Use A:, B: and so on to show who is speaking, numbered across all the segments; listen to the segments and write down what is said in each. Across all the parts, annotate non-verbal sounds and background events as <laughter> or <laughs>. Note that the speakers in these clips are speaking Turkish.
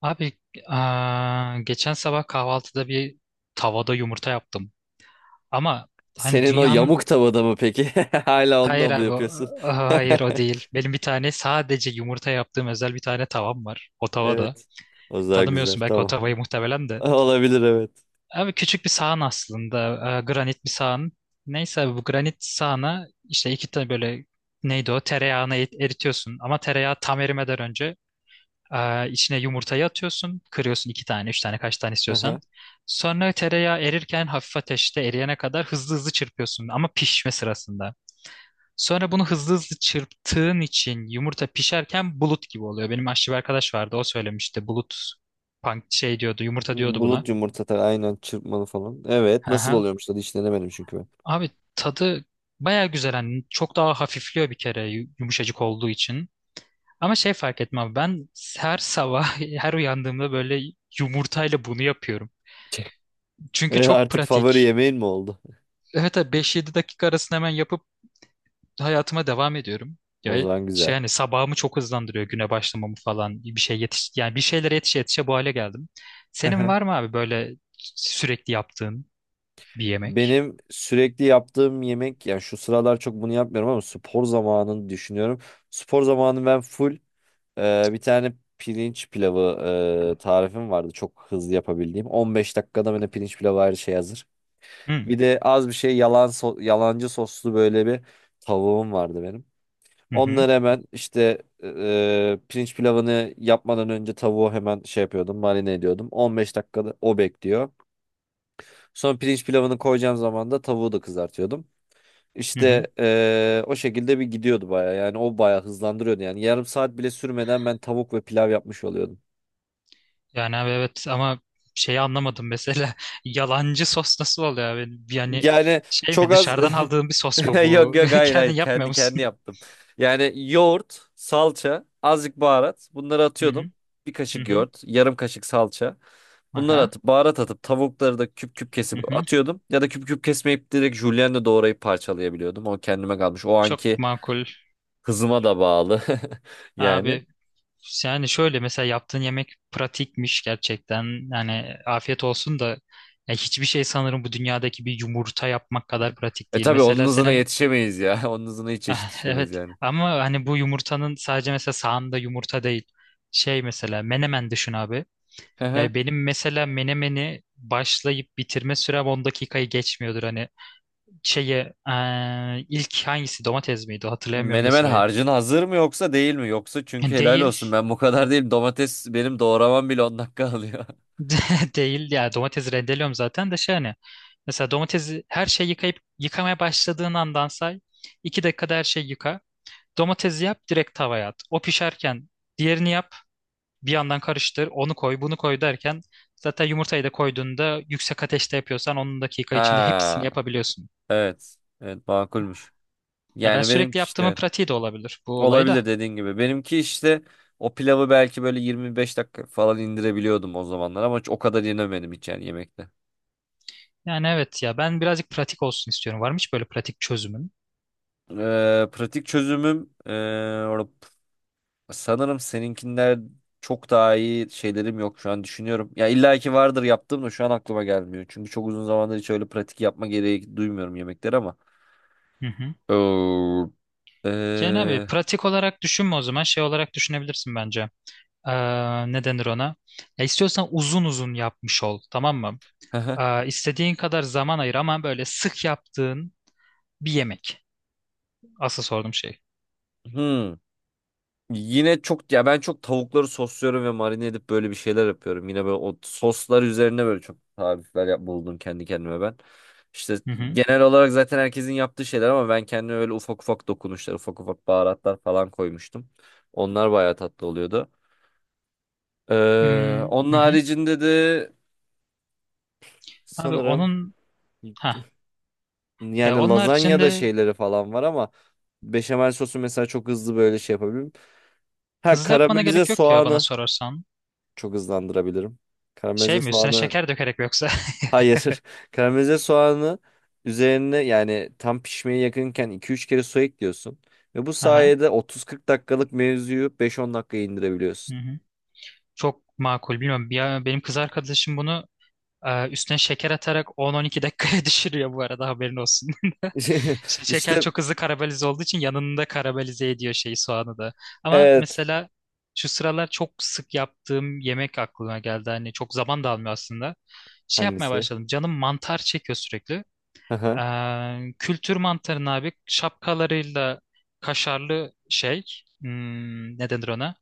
A: Abi, geçen sabah kahvaltıda bir tavada yumurta yaptım. Ama hani
B: Senin o
A: dünyanın
B: yamuk tavada mı peki? <laughs> Hala onunla
A: hayır
B: mı
A: abi o-
B: yapıyorsun?
A: aha,
B: <laughs>
A: hayır o değil. Benim bir tane sadece yumurta yaptığım özel bir tane tavam var. O tavada.
B: Evet. O zaman güzel,
A: Tanımıyorsun belki o
B: tamam.
A: tavayı, muhtemelen
B: <laughs>
A: de.
B: Olabilir, evet.
A: Abi küçük bir sahan aslında. Granit bir sahan. Neyse abi, bu granit sahana işte iki tane böyle, neydi o, tereyağını eritiyorsun. Ama tereyağı tam erimeden önce içine yumurtayı atıyorsun. Kırıyorsun iki tane, üç tane, kaç tane istiyorsan.
B: Aha.
A: Sonra tereyağı erirken, hafif ateşte eriyene kadar, hızlı hızlı çırpıyorsun, ama pişme sırasında. Sonra bunu hızlı hızlı çırptığın için yumurta pişerken bulut gibi oluyor. Benim aşçı bir arkadaş vardı, o söylemişti. Bulut pank şey diyordu, yumurta diyordu buna.
B: Bulut yumurta tabii, aynen çırpmalı falan. Evet, nasıl
A: Aha.
B: oluyormuş da hiç denemedim çünkü ben.
A: Abi tadı baya güzel. Hani çok daha hafifliyor bir kere, yumuşacık olduğu için. Ama şey, fark etmem ben her sabah <laughs> her uyandığımda böyle yumurtayla bunu yapıyorum.
B: <laughs>
A: Çünkü
B: E,
A: çok
B: artık favori
A: pratik.
B: yemeğin mi oldu?
A: Evet abi, 5-7 dakika arasında hemen yapıp hayatıma devam ediyorum.
B: O
A: Ya
B: zaman güzel.
A: şey, hani sabahımı çok hızlandırıyor, güne başlamamı falan. Bir şey yetiş, yani bir şeylere yetişe yetişe bu hale geldim. Senin
B: Aha.
A: var mı abi böyle sürekli yaptığın bir yemek?
B: Benim sürekli yaptığım yemek, yani şu sıralar çok bunu yapmıyorum ama spor zamanını düşünüyorum. Spor zamanı ben full, bir tane pirinç pilavı tarifim vardı. Çok hızlı yapabildiğim. 15 dakikada böyle pirinç pilavı, her şey hazır.
A: Hı
B: Bir de az bir şey yalancı soslu böyle bir tavuğum vardı benim.
A: hı hı.
B: Onları hemen işte pirinç pilavını yapmadan önce tavuğu hemen şey yapıyordum, marine ediyordum. 15 dakikada o bekliyor. Sonra pirinç pilavını koyacağım zaman da tavuğu da kızartıyordum.
A: Hı hı.
B: İşte o şekilde bir gidiyordu baya, yani o baya hızlandırıyordu, yani yarım saat bile sürmeden ben tavuk ve pilav yapmış oluyordum.
A: Yani abi evet, ama şeyi anlamadım mesela, <laughs> yalancı sos nasıl oluyor abi? Yani
B: Yani
A: şey mi,
B: çok az.
A: dışarıdan aldığın bir sos mu
B: <laughs> Yok
A: bu?
B: yok,
A: <laughs>
B: hayır
A: Kendin
B: hayır,
A: yapmıyor
B: kendi
A: musun?
B: yaptım. Yani yoğurt, salça, azıcık baharat, bunları
A: Hı
B: atıyordum.
A: hı
B: Bir
A: hı
B: kaşık
A: hı.
B: yoğurt, yarım kaşık salça. Bunları
A: Aha.
B: atıp baharat atıp tavukları da küp küp
A: Hı
B: kesip
A: hı.
B: atıyordum. Ya da küp küp kesmeyip direkt julienne doğrayıp parçalayabiliyordum. O kendime kalmış. O
A: Çok
B: anki
A: makul.
B: hızıma da bağlı. <laughs> Yani.
A: Abi, yani şöyle, mesela yaptığın yemek pratikmiş gerçekten. Yani afiyet olsun da, ya hiçbir şey sanırım bu dünyadaki bir yumurta yapmak kadar pratik
B: E
A: değil.
B: tabii onun
A: Mesela
B: hızına
A: senin
B: yetişemeyiz ya. <laughs> Onun hızına hiç
A: <laughs>
B: yetişemeyiz
A: evet,
B: yani.
A: ama hani bu yumurtanın sadece, mesela sağında yumurta değil. Şey, mesela menemen düşün abi. Yani
B: <laughs>
A: benim mesela menemeni başlayıp bitirme sürem 10 dakikayı geçmiyordur, hani şeye, ilk hangisi domates miydi hatırlayamıyorum da
B: Menemen
A: sırayı.
B: harcın hazır mı yoksa değil mi? Yoksa çünkü helal
A: Değil.
B: olsun, ben bu kadar değilim. Domates benim doğramam bile 10 dakika alıyor. <laughs>
A: <laughs> Değil ya, domates rendeliyorum zaten de, şey hani, mesela domatesi, her şeyi yıkayıp, yıkamaya başladığın andan say, 2 dakikada her şeyi yıka, domatesi yap direkt tavaya at, o pişerken diğerini yap, bir yandan karıştır, onu koy bunu koy derken, zaten yumurtayı da koyduğunda, yüksek ateşte yapıyorsan, 10 dakika içinde hepsini
B: Ha,
A: yapabiliyorsun.
B: evet. Evet, makulmüş.
A: Yani ben
B: Yani benimki
A: sürekli
B: işte,
A: yaptığımın
B: evet.
A: pratiği de olabilir bu olayda.
B: Olabilir, dediğin gibi. Benimki işte o pilavı belki böyle 25 dakika falan indirebiliyordum o zamanlar ama hiç o kadar yenemedim, hiç yani yemekte.
A: Yani evet ya, ben birazcık pratik olsun istiyorum. Var mı hiç böyle pratik çözümün?
B: Pratik çözümüm, sanırım seninkinden çok daha iyi şeylerim yok şu an, düşünüyorum. Ya illa ki vardır yaptığım da şu an aklıma gelmiyor. Çünkü çok uzun zamandır hiç öyle pratik yapma gereği duymuyorum yemekleri ama.
A: Hı hı.
B: Oo.
A: Yani abi
B: Ee,
A: pratik olarak düşünme, o zaman şey olarak düşünebilirsin bence. Ne denir ona? Ya istiyorsan uzun uzun yapmış ol, tamam mı?
B: <laughs>
A: İstediğin kadar zaman ayır ama böyle sık yaptığın bir yemek. Asıl sorduğum şey.
B: hmm. Yine çok, ya ben çok tavukları sosluyorum ve marine edip böyle bir şeyler yapıyorum. Yine böyle o soslar üzerine böyle çok tarifler buldum kendi kendime ben. İşte
A: Hı hı.
B: genel olarak zaten herkesin yaptığı şeyler ama ben kendime öyle ufak ufak dokunuşlar, ufak ufak baharatlar falan koymuştum. Onlar bayağı tatlı oluyordu. Ee,
A: Hmm,
B: onun
A: hı hı.
B: haricinde de
A: Abi
B: sanırım,
A: onun, ha, ya
B: yani
A: onun
B: lazanya da
A: haricinde
B: şeyleri falan var ama beşamel sosu mesela çok hızlı böyle şey yapabilirim. Ha,
A: hızlı yapmana
B: karamelize
A: gerek yok ya, bana
B: soğanı
A: sorarsan.
B: çok hızlandırabilirim.
A: Şey
B: Karamelize
A: mi, üstüne
B: soğanı,
A: şeker dökerek mi yoksa? <laughs>
B: hayır. <laughs> Karamelize soğanı üzerine, yani tam pişmeye yakınken iki üç kere su ekliyorsun. Ve bu
A: Aha.
B: sayede 30-40 dakikalık mevzuyu 5-10 dakikaya
A: Hı
B: indirebiliyorsun.
A: hı. Çok makul. Bilmiyorum. Benim kız arkadaşım bunu üstüne şeker atarak 10-12 dakikaya <laughs> düşürüyor bu arada, haberin olsun.
B: <laughs>
A: Şeker
B: İşte,
A: çok hızlı karamelize olduğu için, yanında karamelize ediyor şeyi, soğanı da. Ama
B: evet.
A: mesela şu sıralar çok sık yaptığım yemek aklıma geldi. Hani çok zaman da almıyor aslında. Şey yapmaya
B: Hangisi?
A: başladım. Canım mantar çekiyor sürekli.
B: Aha.
A: Kültür mantarını abi, şapkalarıyla kaşarlı şey. Ne denir ona?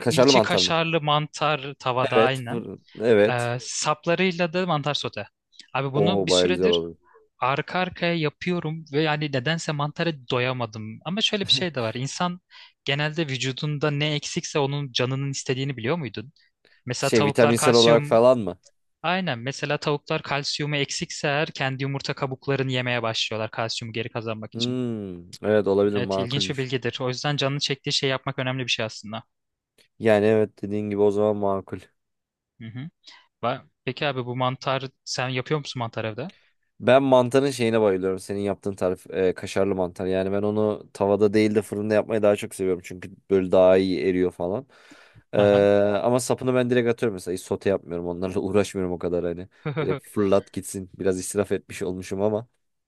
B: Kaşarlı
A: İçi
B: mantar mı?
A: kaşarlı mantar tavada,
B: Evet.
A: aynen.
B: Fırın. Evet.
A: Saplarıyla da mantar sote. Abi bunu
B: O
A: bir
B: baya güzel
A: süredir
B: olur.
A: arka arkaya yapıyorum ve yani nedense mantara doyamadım. Ama şöyle bir şey de var. İnsan genelde vücudunda ne eksikse onun canının istediğini biliyor muydun? Mesela
B: Şey,
A: tavuklar
B: vitaminsel olarak
A: kalsiyum.
B: falan mı?
A: Aynen. Mesela tavuklar kalsiyumu eksikse eğer, kendi yumurta kabuklarını yemeye başlıyorlar, kalsiyumu geri kazanmak için.
B: Hmm, evet, olabilir,
A: Evet, ilginç bir
B: makulmüş.
A: bilgidir. O yüzden canını çektiği şey yapmak önemli bir şey aslında.
B: Yani evet, dediğin gibi o zaman makul.
A: Hı hı. Peki abi bu mantar, sen yapıyor musun mantar evde?
B: Ben mantarın şeyine bayılıyorum. Senin yaptığın tarif, kaşarlı mantar. Yani ben onu tavada değil de fırında yapmayı daha çok seviyorum. Çünkü böyle daha iyi eriyor falan. Ee,
A: Aha.
B: ama sapını ben direkt atıyorum mesela. Hiç sote yapmıyorum. Onlarla <laughs> uğraşmıyorum o kadar hani. Direkt
A: <laughs>
B: fırlat gitsin. Biraz israf etmiş olmuşum ama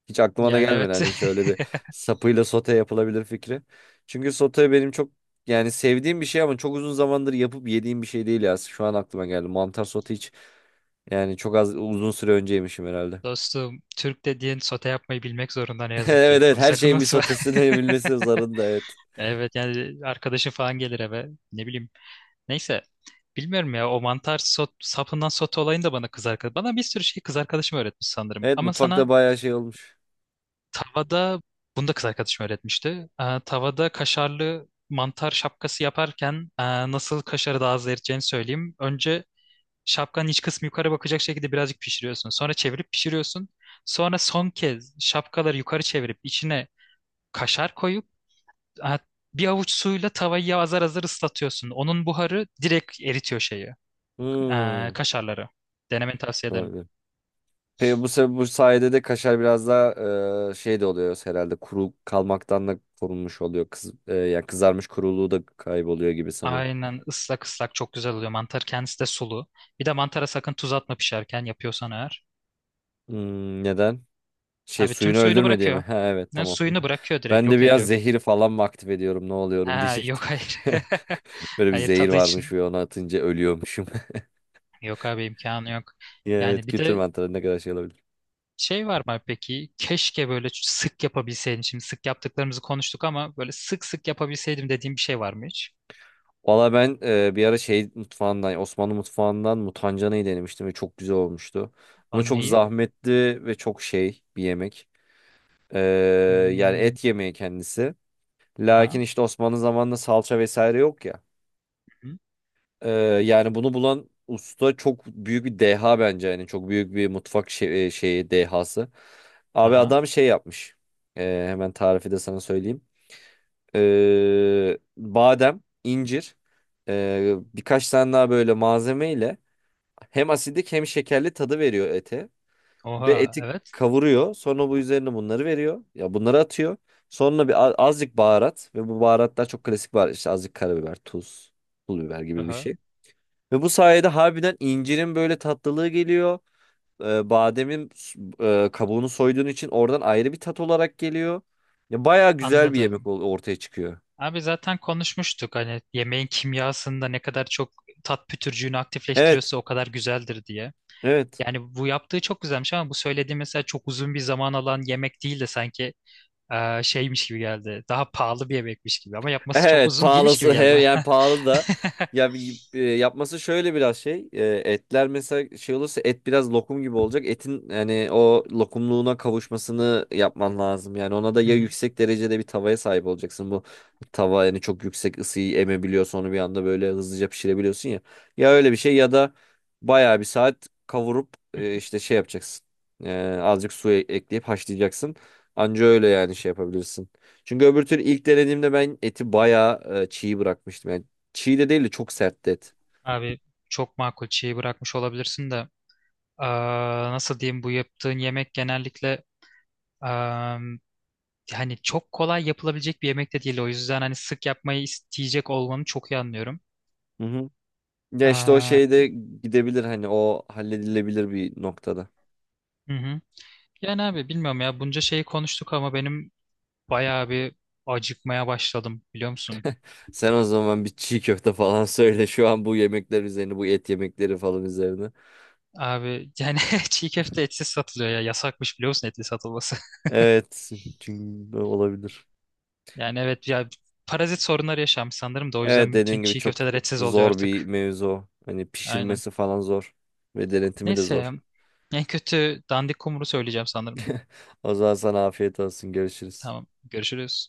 B: hiç aklıma da
A: Yani
B: gelmedi.
A: evet.
B: Hani hiç
A: <laughs>
B: öyle bir sapıyla sote yapılabilir fikri. Çünkü sote benim çok, yani sevdiğim bir şey ama çok uzun zamandır yapıp yediğim bir şey değil ya. Şu an aklıma geldi. Mantar sote hiç, yani çok az, uzun süre önce yemişim herhalde.
A: Dostum, Türk dediğin sote yapmayı bilmek zorunda ne
B: <laughs>
A: yazık ki.
B: Evet, evet,
A: Bunu
B: her
A: sakın
B: şeyin bir
A: unutma. <laughs>
B: sotesini zarında, evet.
A: Evet, yani arkadaşın falan gelir eve. Ne bileyim. Neyse. Bilmiyorum ya, o mantar sapından sote olayını da bana kız arkadaş. Bana bir sürü şey kız arkadaşım öğretmiş sanırım.
B: Evet,
A: Ama
B: mutfakta
A: sana
B: bayağı şey olmuş.
A: tavada bunu da kız arkadaşım öğretmişti. Tavada kaşarlı mantar şapkası yaparken, nasıl kaşarı daha az eriteceğini söyleyeyim. Önce şapkanın iç kısmı yukarı bakacak şekilde birazcık pişiriyorsun. Sonra çevirip pişiriyorsun. Sonra son kez şapkaları yukarı çevirip içine kaşar koyup, ha, bir avuç suyla tavayı azar azar ıslatıyorsun. Onun buharı direkt eritiyor şeyi,
B: Hmm.
A: kaşarları. Denemeni tavsiye ederim.
B: Olabilir. Peki bu, bu sayede de kaşar biraz daha şey de oluyor herhalde, kuru kalmaktan da korunmuş oluyor. Yani kızarmış kuruluğu da kayboluyor gibi sanırım.
A: Aynen, ıslak ıslak çok güzel oluyor. Mantar kendisi de sulu. Bir de mantara sakın tuz atma, pişerken yapıyorsan eğer.
B: Hmm, neden? Şey,
A: Abi tüm
B: suyunu
A: suyunu
B: öldürme diye mi? <laughs>
A: bırakıyor.
B: Ha, evet,
A: Yani
B: tamam. <laughs>
A: suyunu bırakıyor, direkt
B: Ben de
A: yok
B: biraz
A: ediyor.
B: zehir falan mı aktif ediyorum, ne oluyorum
A: Ha, yok
B: diyecektim.
A: hayır.
B: <laughs>
A: <laughs>
B: Böyle bir
A: Hayır,
B: zehir
A: tadı
B: varmış
A: için.
B: ve onu atınca ölüyormuşum.
A: Yok abi, imkanı yok.
B: <laughs> Ya, evet,
A: Yani bir
B: kültür
A: de
B: mantarı ne kadar şey olabilir.
A: şey var mı peki? Keşke böyle sık yapabilseydim. Şimdi sık yaptıklarımızı konuştuk, ama böyle sık sık yapabilseydim dediğim bir şey var mı hiç?
B: Valla ben bir ara şey mutfağından, Osmanlı mutfağından mutancanayı denemiştim ve çok güzel olmuştu. Ama çok
A: Anneyi?
B: zahmetli ve çok şey bir yemek. E, yani
A: Hmm,
B: et yemeği kendisi. Lakin
A: aha.
B: işte Osmanlı zamanında salça vesaire yok ya.
A: Hı.
B: E, yani bunu bulan usta çok büyük bir deha bence. Yani çok büyük bir mutfak şey, şeyi, dehası. Abi
A: Aha.
B: adam şey yapmış. Hemen tarifi de sana söyleyeyim. Badem, incir, birkaç tane daha böyle malzemeyle hem asidik hem şekerli tadı veriyor ete. Ve
A: Oha.
B: eti
A: Evet.
B: kavuruyor. Sonra bu üzerine bunları veriyor. Ya bunları atıyor. Sonra bir azıcık baharat ve bu baharatlar çok klasik baharat. İşte azıcık karabiber, tuz, pul biber gibi bir
A: Aha.
B: şey. Ve bu sayede harbiden incirin böyle tatlılığı geliyor. Bademin kabuğunu soyduğun için oradan ayrı bir tat olarak geliyor. Ya bayağı güzel bir yemek
A: Anladım.
B: ortaya çıkıyor.
A: Abi zaten konuşmuştuk, hani yemeğin kimyasında ne kadar çok tat pütürcüğünü
B: Evet.
A: aktifleştiriyorsa o kadar güzeldir diye.
B: Evet.
A: Yani
B: <laughs>
A: bu yaptığı çok güzelmiş, ama bu söylediğim mesela çok uzun bir zaman alan yemek değil de sanki şeymiş gibi geldi. Daha pahalı bir yemekmiş gibi, ama yapması çok
B: Evet,
A: uzun değilmiş gibi
B: pahalısı, he,
A: geldi
B: yani
A: bana.
B: pahalı da,
A: <laughs>
B: ya yapması şöyle biraz şey, etler mesela şey olursa, et biraz lokum gibi olacak, etin yani o lokumluğuna kavuşmasını yapman lazım. Yani ona da
A: Hı
B: ya
A: hı.
B: yüksek derecede bir tavaya sahip olacaksın, bu tava yani çok yüksek ısıyı emebiliyor, sonra bir anda böyle hızlıca pişirebiliyorsun ya. Ya öyle bir şey ya da bayağı bir saat kavurup
A: Hı hı.
B: işte şey yapacaksın. Azıcık su ekleyip haşlayacaksın, anca öyle yani şey yapabilirsin. Çünkü öbür türlü ilk denediğimde ben eti bayağı çiğ bırakmıştım. Yani çiğ de değil de çok sertti et.
A: Abi çok makul, şeyi bırakmış olabilirsin de, eee, nasıl diyeyim, bu yaptığın yemek genellikle, eee, hani çok kolay yapılabilecek bir yemek de değil, o yüzden hani sık yapmayı isteyecek olmanı çok iyi anlıyorum.
B: Hı hı. Ya işte o
A: Eee,
B: şey de gidebilir, hani o halledilebilir bir noktada.
A: hı hı. Yani abi bilmiyorum ya, bunca şeyi konuştuk ama benim bayağı bir acıkmaya başladım, biliyor musun?
B: Sen o zaman bir çiğ köfte falan <laughs> söyle şu an, bu yemekler üzerine, bu et yemekleri falan üzerine.
A: Abi yani <laughs> çiğ köfte etsiz satılıyor ya. Yasakmış biliyor musun etli satılması? <laughs>
B: Evet, çünkü olabilir.
A: Yani evet ya, parazit sorunları yaşanmış sanırım, da o
B: Evet,
A: yüzden bütün
B: dediğin gibi
A: çiğ
B: çok
A: köfteler etsiz oluyor
B: zor bir
A: artık.
B: mevzu. Hani
A: Aynen.
B: pişirmesi falan zor ve denetimi de
A: Neyse ya.
B: zor.
A: En kötü dandik kumru söyleyeceğim sanırım.
B: O zaman sana afiyet olsun, görüşürüz.
A: Tamam. Görüşürüz.